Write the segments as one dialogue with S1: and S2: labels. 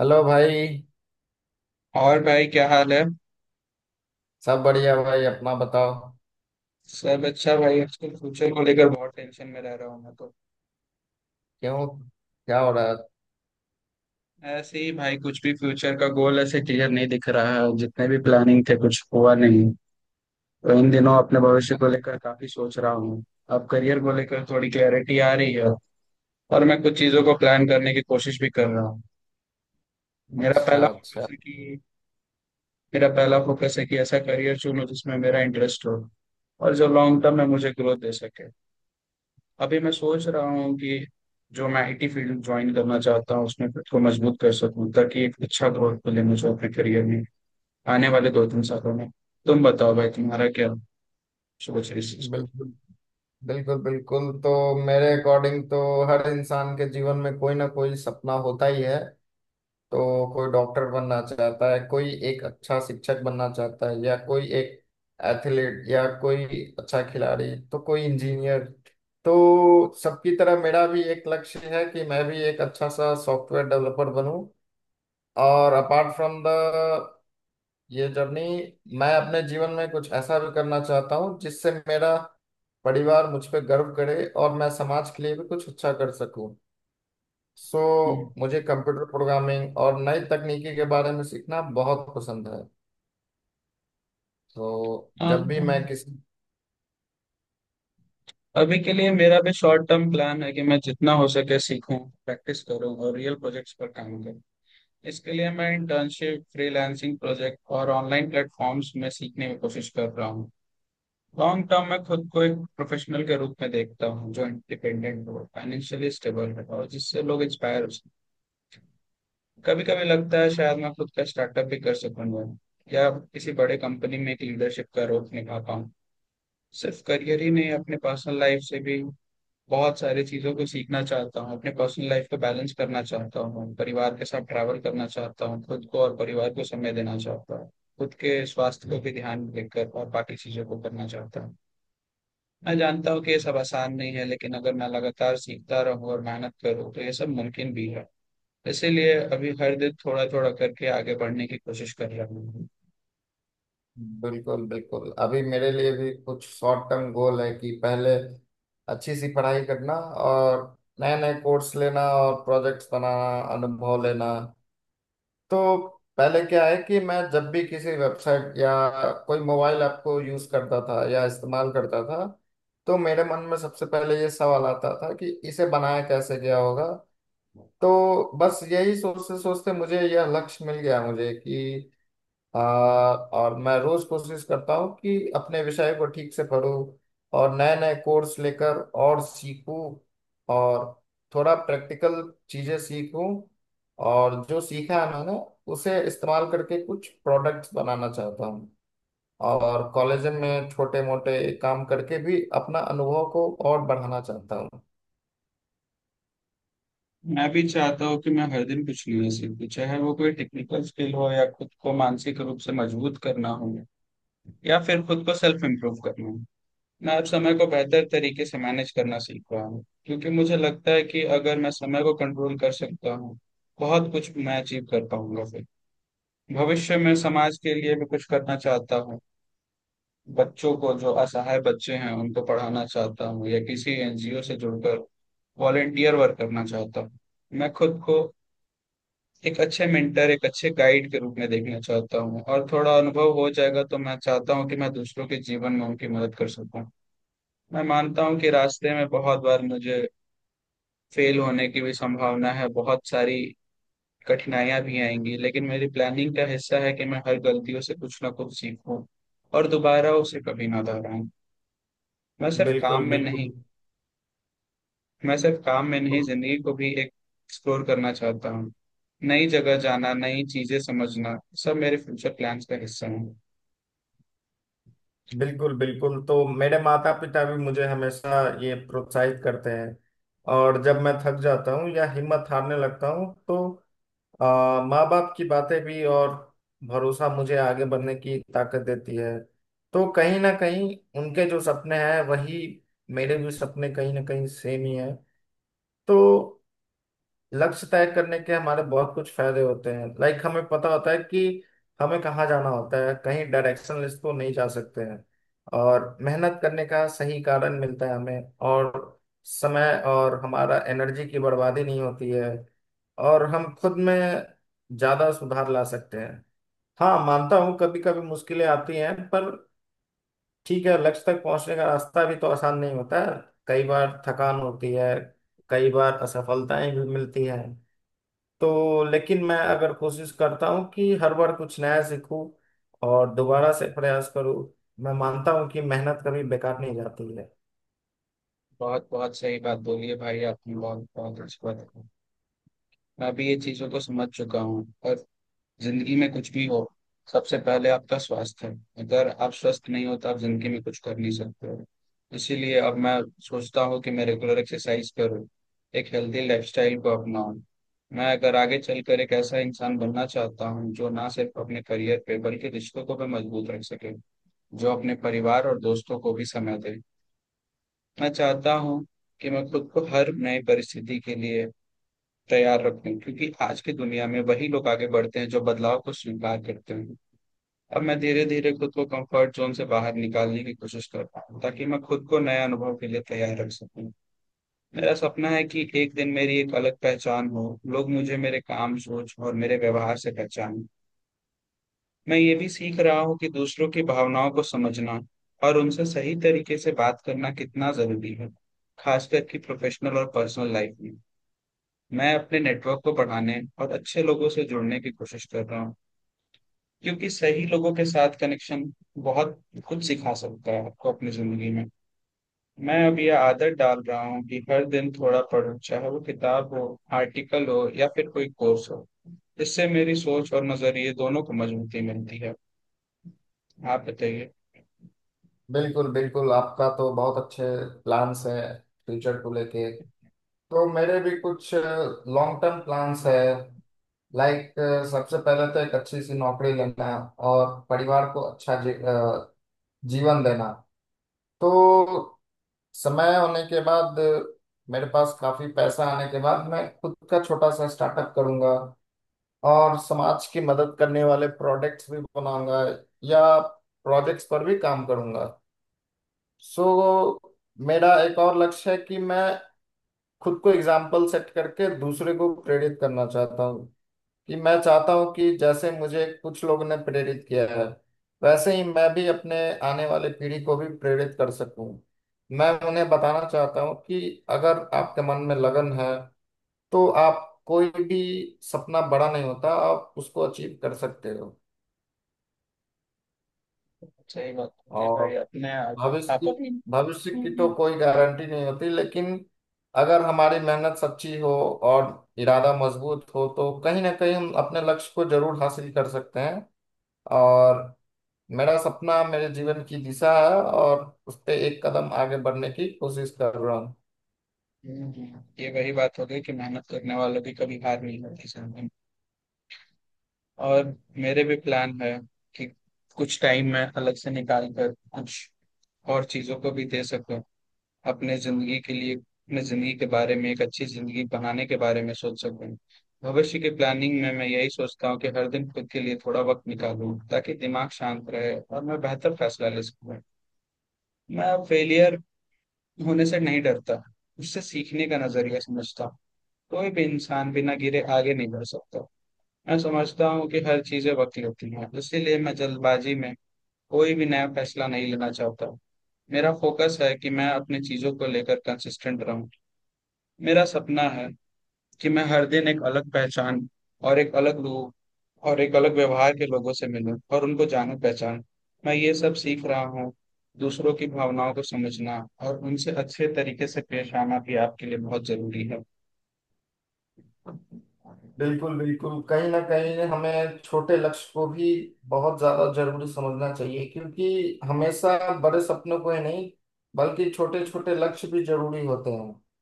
S1: Hello भाई।
S2: और भाई, क्या हाल है?
S1: सब बढ़िया भाई, अपना बताओ।
S2: सब अच्छा भाई। आजकल फ्यूचर को लेकर बहुत टेंशन में रह रहा हूँ मैं तो।
S1: क्यों? क्या हो रहा है?
S2: ऐसे ही भाई, कुछ भी फ्यूचर का गोल ऐसे क्लियर नहीं दिख रहा है, जितने भी प्लानिंग थे कुछ हुआ नहीं। तो इन दिनों अपने भविष्य को लेकर काफी सोच रहा हूँ। अब करियर को लेकर थोड़ी क्लैरिटी आ रही है और मैं कुछ चीजों को प्लान करने की कोशिश भी कर रहा हूँ। मेरा पहला
S1: अच्छा
S2: फोकस
S1: अच्छा।
S2: है कि मेरा पहला फोकस है कि ऐसा करियर चुनूं जिसमें मेरा इंटरेस्ट हो और जो लॉन्ग टर्म में मुझे ग्रोथ दे सके। अभी मैं सोच रहा हूँ कि जो मैं आईटी फील्ड ज्वाइन करना चाहता हूँ उसमें खुद को मजबूत कर सकूँ, ताकि एक अच्छा ग्रोथ मिले मुझे अपने करियर में आने वाले दो तीन सालों में। तुम बताओ भाई, तुम्हारा क्या सोच है इस चीज पर?
S1: बिल्कुल बिल्कुल बिल्कुल। तो मेरे अकॉर्डिंग तो हर इंसान के जीवन में कोई ना कोई सपना होता ही है। तो कोई डॉक्टर बनना चाहता है, कोई एक अच्छा शिक्षक बनना चाहता है, या कोई एक एथलीट या कोई अच्छा खिलाड़ी, तो कोई इंजीनियर। तो सबकी तरह मेरा भी एक लक्ष्य है कि मैं भी एक अच्छा सा सॉफ्टवेयर डेवलपर बनूं। और अपार्ट फ्रॉम द ये जर्नी, मैं अपने जीवन में कुछ ऐसा भी करना चाहता हूँ जिससे मेरा परिवार मुझ पे गर्व करे और मैं समाज के लिए भी कुछ अच्छा कर सकूं। सो
S2: हम्म,
S1: मुझे कंप्यूटर प्रोग्रामिंग और नई तकनीकी के बारे में सीखना बहुत पसंद है। तो
S2: हाँ।
S1: जब भी मैं किसी।
S2: अभी के लिए मेरा भी शॉर्ट टर्म प्लान है कि मैं जितना हो सके सीखूं, प्रैक्टिस करूं और रियल प्रोजेक्ट्स पर काम करूं। इसके लिए मैं इंटर्नशिप, फ्रीलांसिंग प्रोजेक्ट और ऑनलाइन प्लेटफॉर्म्स में सीखने की कोशिश कर रहा हूँ। लॉन्ग टर्म में खुद को एक प्रोफेशनल के रूप में देखता हूँ जो इंडिपेंडेंट हो, फाइनेंशियली स्टेबल है और जिससे लोग इंस्पायर हो सकें। कभी कभी लगता है शायद मैं खुद का स्टार्टअप भी कर सकूंगा या किसी बड़े कंपनी में एक लीडरशिप का रोल निभा पाऊँ। सिर्फ करियर ही नहीं, अपने पर्सनल लाइफ से भी बहुत सारी चीज़ों को सीखना चाहता हूँ। अपने पर्सनल लाइफ को बैलेंस करना चाहता हूँ, परिवार के साथ ट्रैवल करना चाहता हूँ, खुद को और परिवार को समय देना चाहता हूँ। खुद के स्वास्थ्य को भी ध्यान देकर और बाकी चीज़ों को करना चाहता हूँ। मैं जानता हूँ कि ये सब आसान नहीं है, लेकिन अगर मैं लगातार सीखता रहूँ और मेहनत करूँ तो ये सब मुमकिन भी है। इसीलिए अभी हर दिन थोड़ा थोड़ा करके आगे बढ़ने की कोशिश कर रहा हूँ।
S1: बिल्कुल बिल्कुल, अभी मेरे लिए भी कुछ शॉर्ट टर्म गोल है कि पहले अच्छी सी पढ़ाई करना और नए नए कोर्स लेना और प्रोजेक्ट्स बनाना, अनुभव लेना। तो पहले क्या है कि मैं जब भी किसी वेबसाइट या कोई मोबाइल ऐप को यूज करता था या इस्तेमाल करता था, तो मेरे मन में सबसे पहले ये सवाल आता था कि इसे बनाया कैसे गया होगा। तो बस यही सोचते सोचते मुझे यह लक्ष्य मिल गया मुझे कि और मैं रोज कोशिश करता हूँ कि अपने विषय को ठीक से पढूं और नए नए कोर्स लेकर और सीखूं, और थोड़ा प्रैक्टिकल चीजें सीखूं। और जो सीखा है मैंने, उसे इस्तेमाल करके कुछ प्रोडक्ट्स बनाना चाहता हूँ। और कॉलेज में छोटे मोटे काम करके भी अपना अनुभव को और बढ़ाना चाहता हूँ।
S2: मैं भी चाहता हूँ कि मैं हर दिन कुछ नया सीखूं, चाहे वो कोई टेक्निकल स्किल हो या खुद को मानसिक रूप से मजबूत करना हो या फिर खुद को सेल्फ इम्प्रूव करना हो। मैं अब समय को बेहतर तरीके से मैनेज करना सीख रहा हूँ, क्योंकि मुझे लगता है कि अगर मैं समय को कंट्रोल कर सकता हूँ, बहुत कुछ मैं अचीव कर पाऊंगा फिर। भविष्य में समाज के लिए भी कुछ करना चाहता हूँ। बच्चों को, जो असहाय बच्चे हैं, उनको पढ़ाना चाहता हूँ या किसी एनजीओ से जुड़कर वॉलेंटियर वर्क करना चाहता हूँ। मैं खुद को एक अच्छे मेंटर, एक अच्छे गाइड के रूप में देखना चाहता हूँ, और थोड़ा अनुभव हो जाएगा तो मैं चाहता हूँ कि मैं दूसरों के जीवन में उनकी मदद कर सकूँ। मैं मानता हूँ कि रास्ते में बहुत बार मुझे फेल होने की भी संभावना है, बहुत सारी कठिनाइयां भी आएंगी, लेकिन मेरी प्लानिंग का हिस्सा है कि मैं हर गलतियों से कुछ ना कुछ सीखूं और दोबारा उसे कभी ना दोहराऊं। मैं सिर्फ काम
S1: बिल्कुल
S2: में नहीं
S1: बिल्कुल।
S2: मैं सिर्फ काम में नहीं, जिंदगी को भी एक एक्सप्लोर करना चाहता हूँ। नई जगह जाना, नई चीजें समझना, सब मेरे फ्यूचर प्लान्स का हिस्सा है।
S1: बिल्कुल बिल्कुल, तो मेरे माता पिता भी मुझे हमेशा ये प्रोत्साहित करते हैं। और जब मैं थक जाता हूँ या हिम्मत हारने लगता हूँ तो माँ बाप की बातें भी और भरोसा मुझे आगे बढ़ने की ताकत देती है। तो कहीं ना कहीं उनके जो सपने हैं वही मेरे भी सपने कहीं ना कहीं सेम ही हैं। तो लक्ष्य तय करने के हमारे बहुत कुछ फायदे होते हैं, लाइक हमें पता होता है कि हमें कहाँ जाना होता है, कहीं डायरेक्शन लिस्ट को नहीं जा सकते हैं। और मेहनत करने का सही कारण मिलता है हमें, और समय और हमारा एनर्जी की बर्बादी नहीं होती है, और हम खुद में ज्यादा सुधार ला सकते हैं। हाँ, मानता हूँ कभी कभी मुश्किलें आती हैं, पर ठीक है, लक्ष्य तक पहुंचने का रास्ता भी तो आसान नहीं होता है। कई बार थकान होती है, कई बार असफलताएं भी मिलती हैं। तो लेकिन मैं अगर कोशिश करता हूँ कि हर बार कुछ नया सीखूं और दोबारा से प्रयास करूँ, मैं मानता हूँ कि मेहनत कभी बेकार नहीं जाती है।
S2: बहुत बहुत सही बात बोली है भाई आपने, बहुत बहुत अच्छी बात है। मैं भी ये चीजों को समझ चुका हूँ और जिंदगी में कुछ भी हो, सबसे पहले आपका स्वास्थ्य है। अगर आप स्वस्थ नहीं हो तो आप जिंदगी में कुछ कर नहीं सकते हो। इसीलिए अब मैं सोचता हूँ कि मैं रेगुलर एक्सरसाइज करूँ, एक हेल्दी लाइफस्टाइल को अपनाऊँ। मैं अगर आगे चलकर एक ऐसा इंसान बनना चाहता हूँ जो ना सिर्फ अपने करियर पे बल्कि रिश्तों को भी मजबूत रख सके, जो अपने परिवार और दोस्तों को भी समय दे। मैं चाहता हूँ कि मैं खुद को हर नई परिस्थिति के लिए तैयार रखूं, क्योंकि आज की दुनिया में वही लोग आगे बढ़ते हैं जो बदलाव को स्वीकार करते हैं। अब मैं धीरे धीरे खुद को कंफर्ट जोन से बाहर निकालने की कोशिश कर रहा हूँ, ताकि मैं खुद को नए अनुभव के लिए तैयार रख सकूँ। मेरा सपना है कि एक दिन मेरी एक अलग पहचान हो, लोग मुझे मेरे काम, सोच और मेरे व्यवहार से पहचानें। मैं ये भी सीख रहा हूँ कि दूसरों की भावनाओं को समझना और उनसे सही तरीके से बात करना कितना जरूरी है, खासकर कि प्रोफेशनल और पर्सनल लाइफ में। मैं अपने नेटवर्क को बढ़ाने और अच्छे लोगों से जुड़ने की कोशिश कर रहा हूँ, क्योंकि सही लोगों के साथ कनेक्शन बहुत कुछ सिखा सकता है आपको अपनी जिंदगी में। मैं अब ये आदत डाल रहा हूँ कि हर दिन थोड़ा पढूं, चाहे वो किताब हो, आर्टिकल हो या फिर कोई कोर्स हो। इससे मेरी सोच और नजरिए दोनों को मजबूती मिलती है। आप बताइए।
S1: बिल्कुल बिल्कुल, आपका तो बहुत अच्छे प्लान्स है फ्यूचर को लेके। तो मेरे भी कुछ लॉन्ग टर्म प्लान्स है, लाइक सबसे पहले तो एक अच्छी सी नौकरी लेना और परिवार को अच्छा जीवन देना। तो समय होने के बाद, मेरे पास काफी पैसा आने के बाद, मैं खुद का छोटा सा स्टार्टअप करूंगा और समाज की मदद करने वाले प्रोडक्ट्स भी बनाऊंगा, या प्रोजेक्ट्स पर भी काम करूंगा। सो मेरा एक और लक्ष्य है कि मैं खुद को एग्जाम्पल सेट करके दूसरे को प्रेरित करना चाहता हूँ, कि मैं चाहता हूँ कि जैसे मुझे कुछ लोगों ने प्रेरित किया है, वैसे ही मैं भी अपने आने वाले पीढ़ी को भी प्रेरित कर सकूं। मैं उन्हें बताना चाहता हूँ कि अगर आपके मन में लगन है, तो आप कोई भी सपना बड़ा नहीं होता, आप उसको अचीव कर सकते हो।
S2: सही बात होती है
S1: और
S2: भाई, अपने आप।
S1: भविष्य
S2: आप
S1: की
S2: अपनी
S1: भविष्य
S2: हम्म,
S1: की तो
S2: हम्म।
S1: कोई गारंटी नहीं होती, लेकिन अगर हमारी मेहनत सच्ची हो और इरादा मजबूत हो तो कहीं ना कहीं हम अपने लक्ष्य को जरूर हासिल कर सकते हैं। और मेरा सपना मेरे जीवन की दिशा है, और उस पे एक कदम आगे बढ़ने की कोशिश कर रहा हूँ।
S2: ये वही बात हो गई कि मेहनत करने वालों की कभी हार नहीं होती जिंदगी में। और मेरे भी प्लान है कि कुछ टाइम में अलग से निकाल कर कुछ और चीजों को भी दे सको, अपने जिंदगी के लिए, अपने जिंदगी के बारे में, एक अच्छी जिंदगी बनाने के बारे में सोच सकूं। भविष्य की प्लानिंग में मैं यही सोचता हूँ कि हर दिन खुद के लिए थोड़ा वक्त निकालूं, ताकि दिमाग शांत रहे और मैं बेहतर फैसला ले सकूं। मैं अब फेलियर होने से नहीं डरता, उससे सीखने का नजरिया समझता हूँ। कोई भी इंसान बिना गिरे आगे नहीं बढ़ सकता। मैं समझता हूँ कि हर चीजें वक्त लेती हैं, इसीलिए मैं जल्दबाजी में कोई भी नया फैसला नहीं लेना चाहता। मेरा फोकस है कि मैं अपनी चीजों को लेकर कंसिस्टेंट रहूं। मेरा सपना है कि मैं हर दिन एक अलग पहचान और एक अलग रूप और एक अलग व्यवहार के लोगों से मिलूं और उनको जानूं, पहचान। मैं ये सब सीख रहा हूँ — दूसरों की भावनाओं को समझना और उनसे अच्छे तरीके से पेश आना भी आपके लिए बहुत जरूरी है।
S1: बिल्कुल बिल्कुल, कहीं ना कहीं हमें छोटे लक्ष्य को भी बहुत ज्यादा जरूरी समझना चाहिए, क्योंकि हमेशा बड़े सपनों को ही नहीं बल्कि छोटे छोटे लक्ष्य भी जरूरी होते हैं।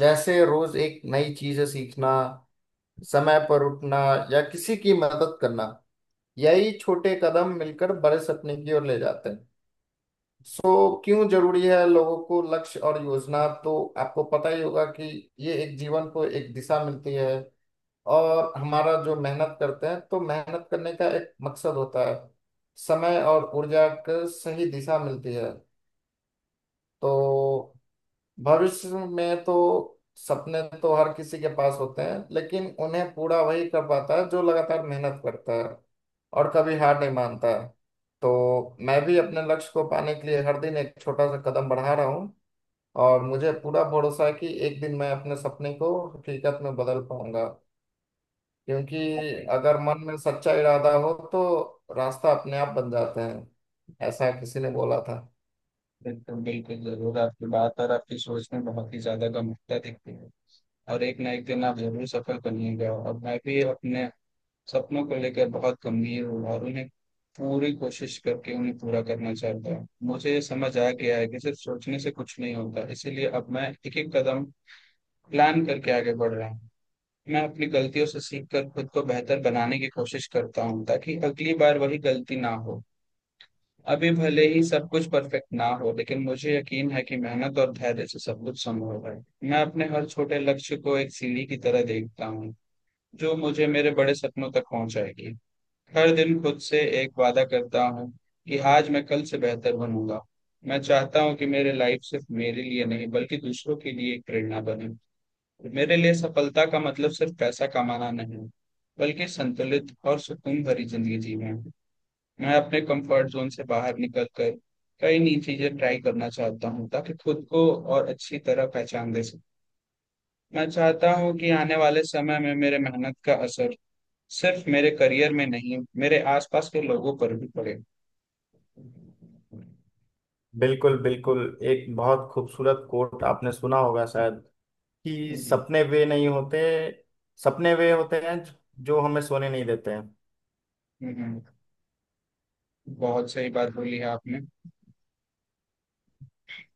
S1: जैसे रोज एक नई चीजें सीखना, समय पर उठना, या किसी की मदद करना। यही छोटे कदम मिलकर बड़े सपने की ओर ले जाते हैं। सो क्यों जरूरी है लोगों को लक्ष्य और योजना, तो आपको पता ही होगा कि ये एक जीवन को एक दिशा मिलती है। और हमारा जो मेहनत करते हैं, तो मेहनत करने का एक मकसद होता है, समय और ऊर्जा का सही दिशा मिलती है। तो भविष्य में तो सपने तो हर किसी के पास होते हैं, लेकिन उन्हें पूरा वही कर पाता है जो लगातार मेहनत करता है और कभी हार नहीं मानता है। तो मैं भी अपने लक्ष्य को पाने के लिए हर दिन एक छोटा सा कदम बढ़ा रहा हूँ, और मुझे पूरा भरोसा है कि एक दिन मैं अपने सपने को हकीकत में बदल पाऊंगा, क्योंकि
S2: आपके
S1: अगर मन में सच्चा इरादा हो तो रास्ता अपने आप बन जाते हैं। ऐसा किसी ने बोला था।
S2: बिल्कुल बिल्कुल जरूर, आपकी बात और आपकी सोच में बहुत ही ज्यादा गंभीरता दिखती है और एक ना एक दिन आप जरूर सफल बनिएगा। और मैं भी अपने सपनों को लेकर बहुत गंभीर हूँ और उन्हें पूरी कोशिश करके उन्हें पूरा करना चाहता हूँ। मुझे ये समझ आ गया है कि सिर्फ सोचने से कुछ नहीं होता, इसीलिए अब मैं एक-एक कदम प्लान करके आगे बढ़ रहा हूँ। मैं अपनी गलतियों से सीखकर खुद को बेहतर बनाने की कोशिश करता हूँ, ताकि अगली बार वही गलती ना हो। अभी भले ही सब कुछ परफेक्ट ना हो, लेकिन मुझे यकीन है कि मेहनत और धैर्य से सब कुछ संभव है। मैं अपने हर छोटे लक्ष्य को एक सीढ़ी की तरह देखता हूँ, जो मुझे मेरे बड़े सपनों तक पहुँचाएगी। हर दिन खुद से एक वादा करता हूँ कि आज मैं कल से बेहतर बनूंगा। मैं चाहता हूँ कि मेरी लाइफ सिर्फ मेरे लिए नहीं बल्कि दूसरों के लिए एक प्रेरणा बने। मेरे लिए सफलता का मतलब सिर्फ पैसा कमाना नहीं, बल्कि संतुलित और सुकून भरी जिंदगी जीना है। मैं अपने कंफर्ट जोन से बाहर निकल कर कई नई चीजें ट्राई करना चाहता हूँ, ताकि खुद को और अच्छी तरह पहचान दे सकूँ। मैं चाहता हूँ कि आने वाले समय में मेरे मेहनत का असर सिर्फ मेरे करियर में नहीं, मेरे आसपास के लोगों पर भी पड़े। हम्म, हम्म,
S1: बिल्कुल बिल्कुल, एक बहुत खूबसूरत कोट आपने सुना होगा शायद, कि
S2: हम्म, हम्म,
S1: सपने वे नहीं होते, सपने वे होते हैं जो जो हमें सोने नहीं देते हैं।
S2: हम्म। बहुत सही बात बोली है आपने।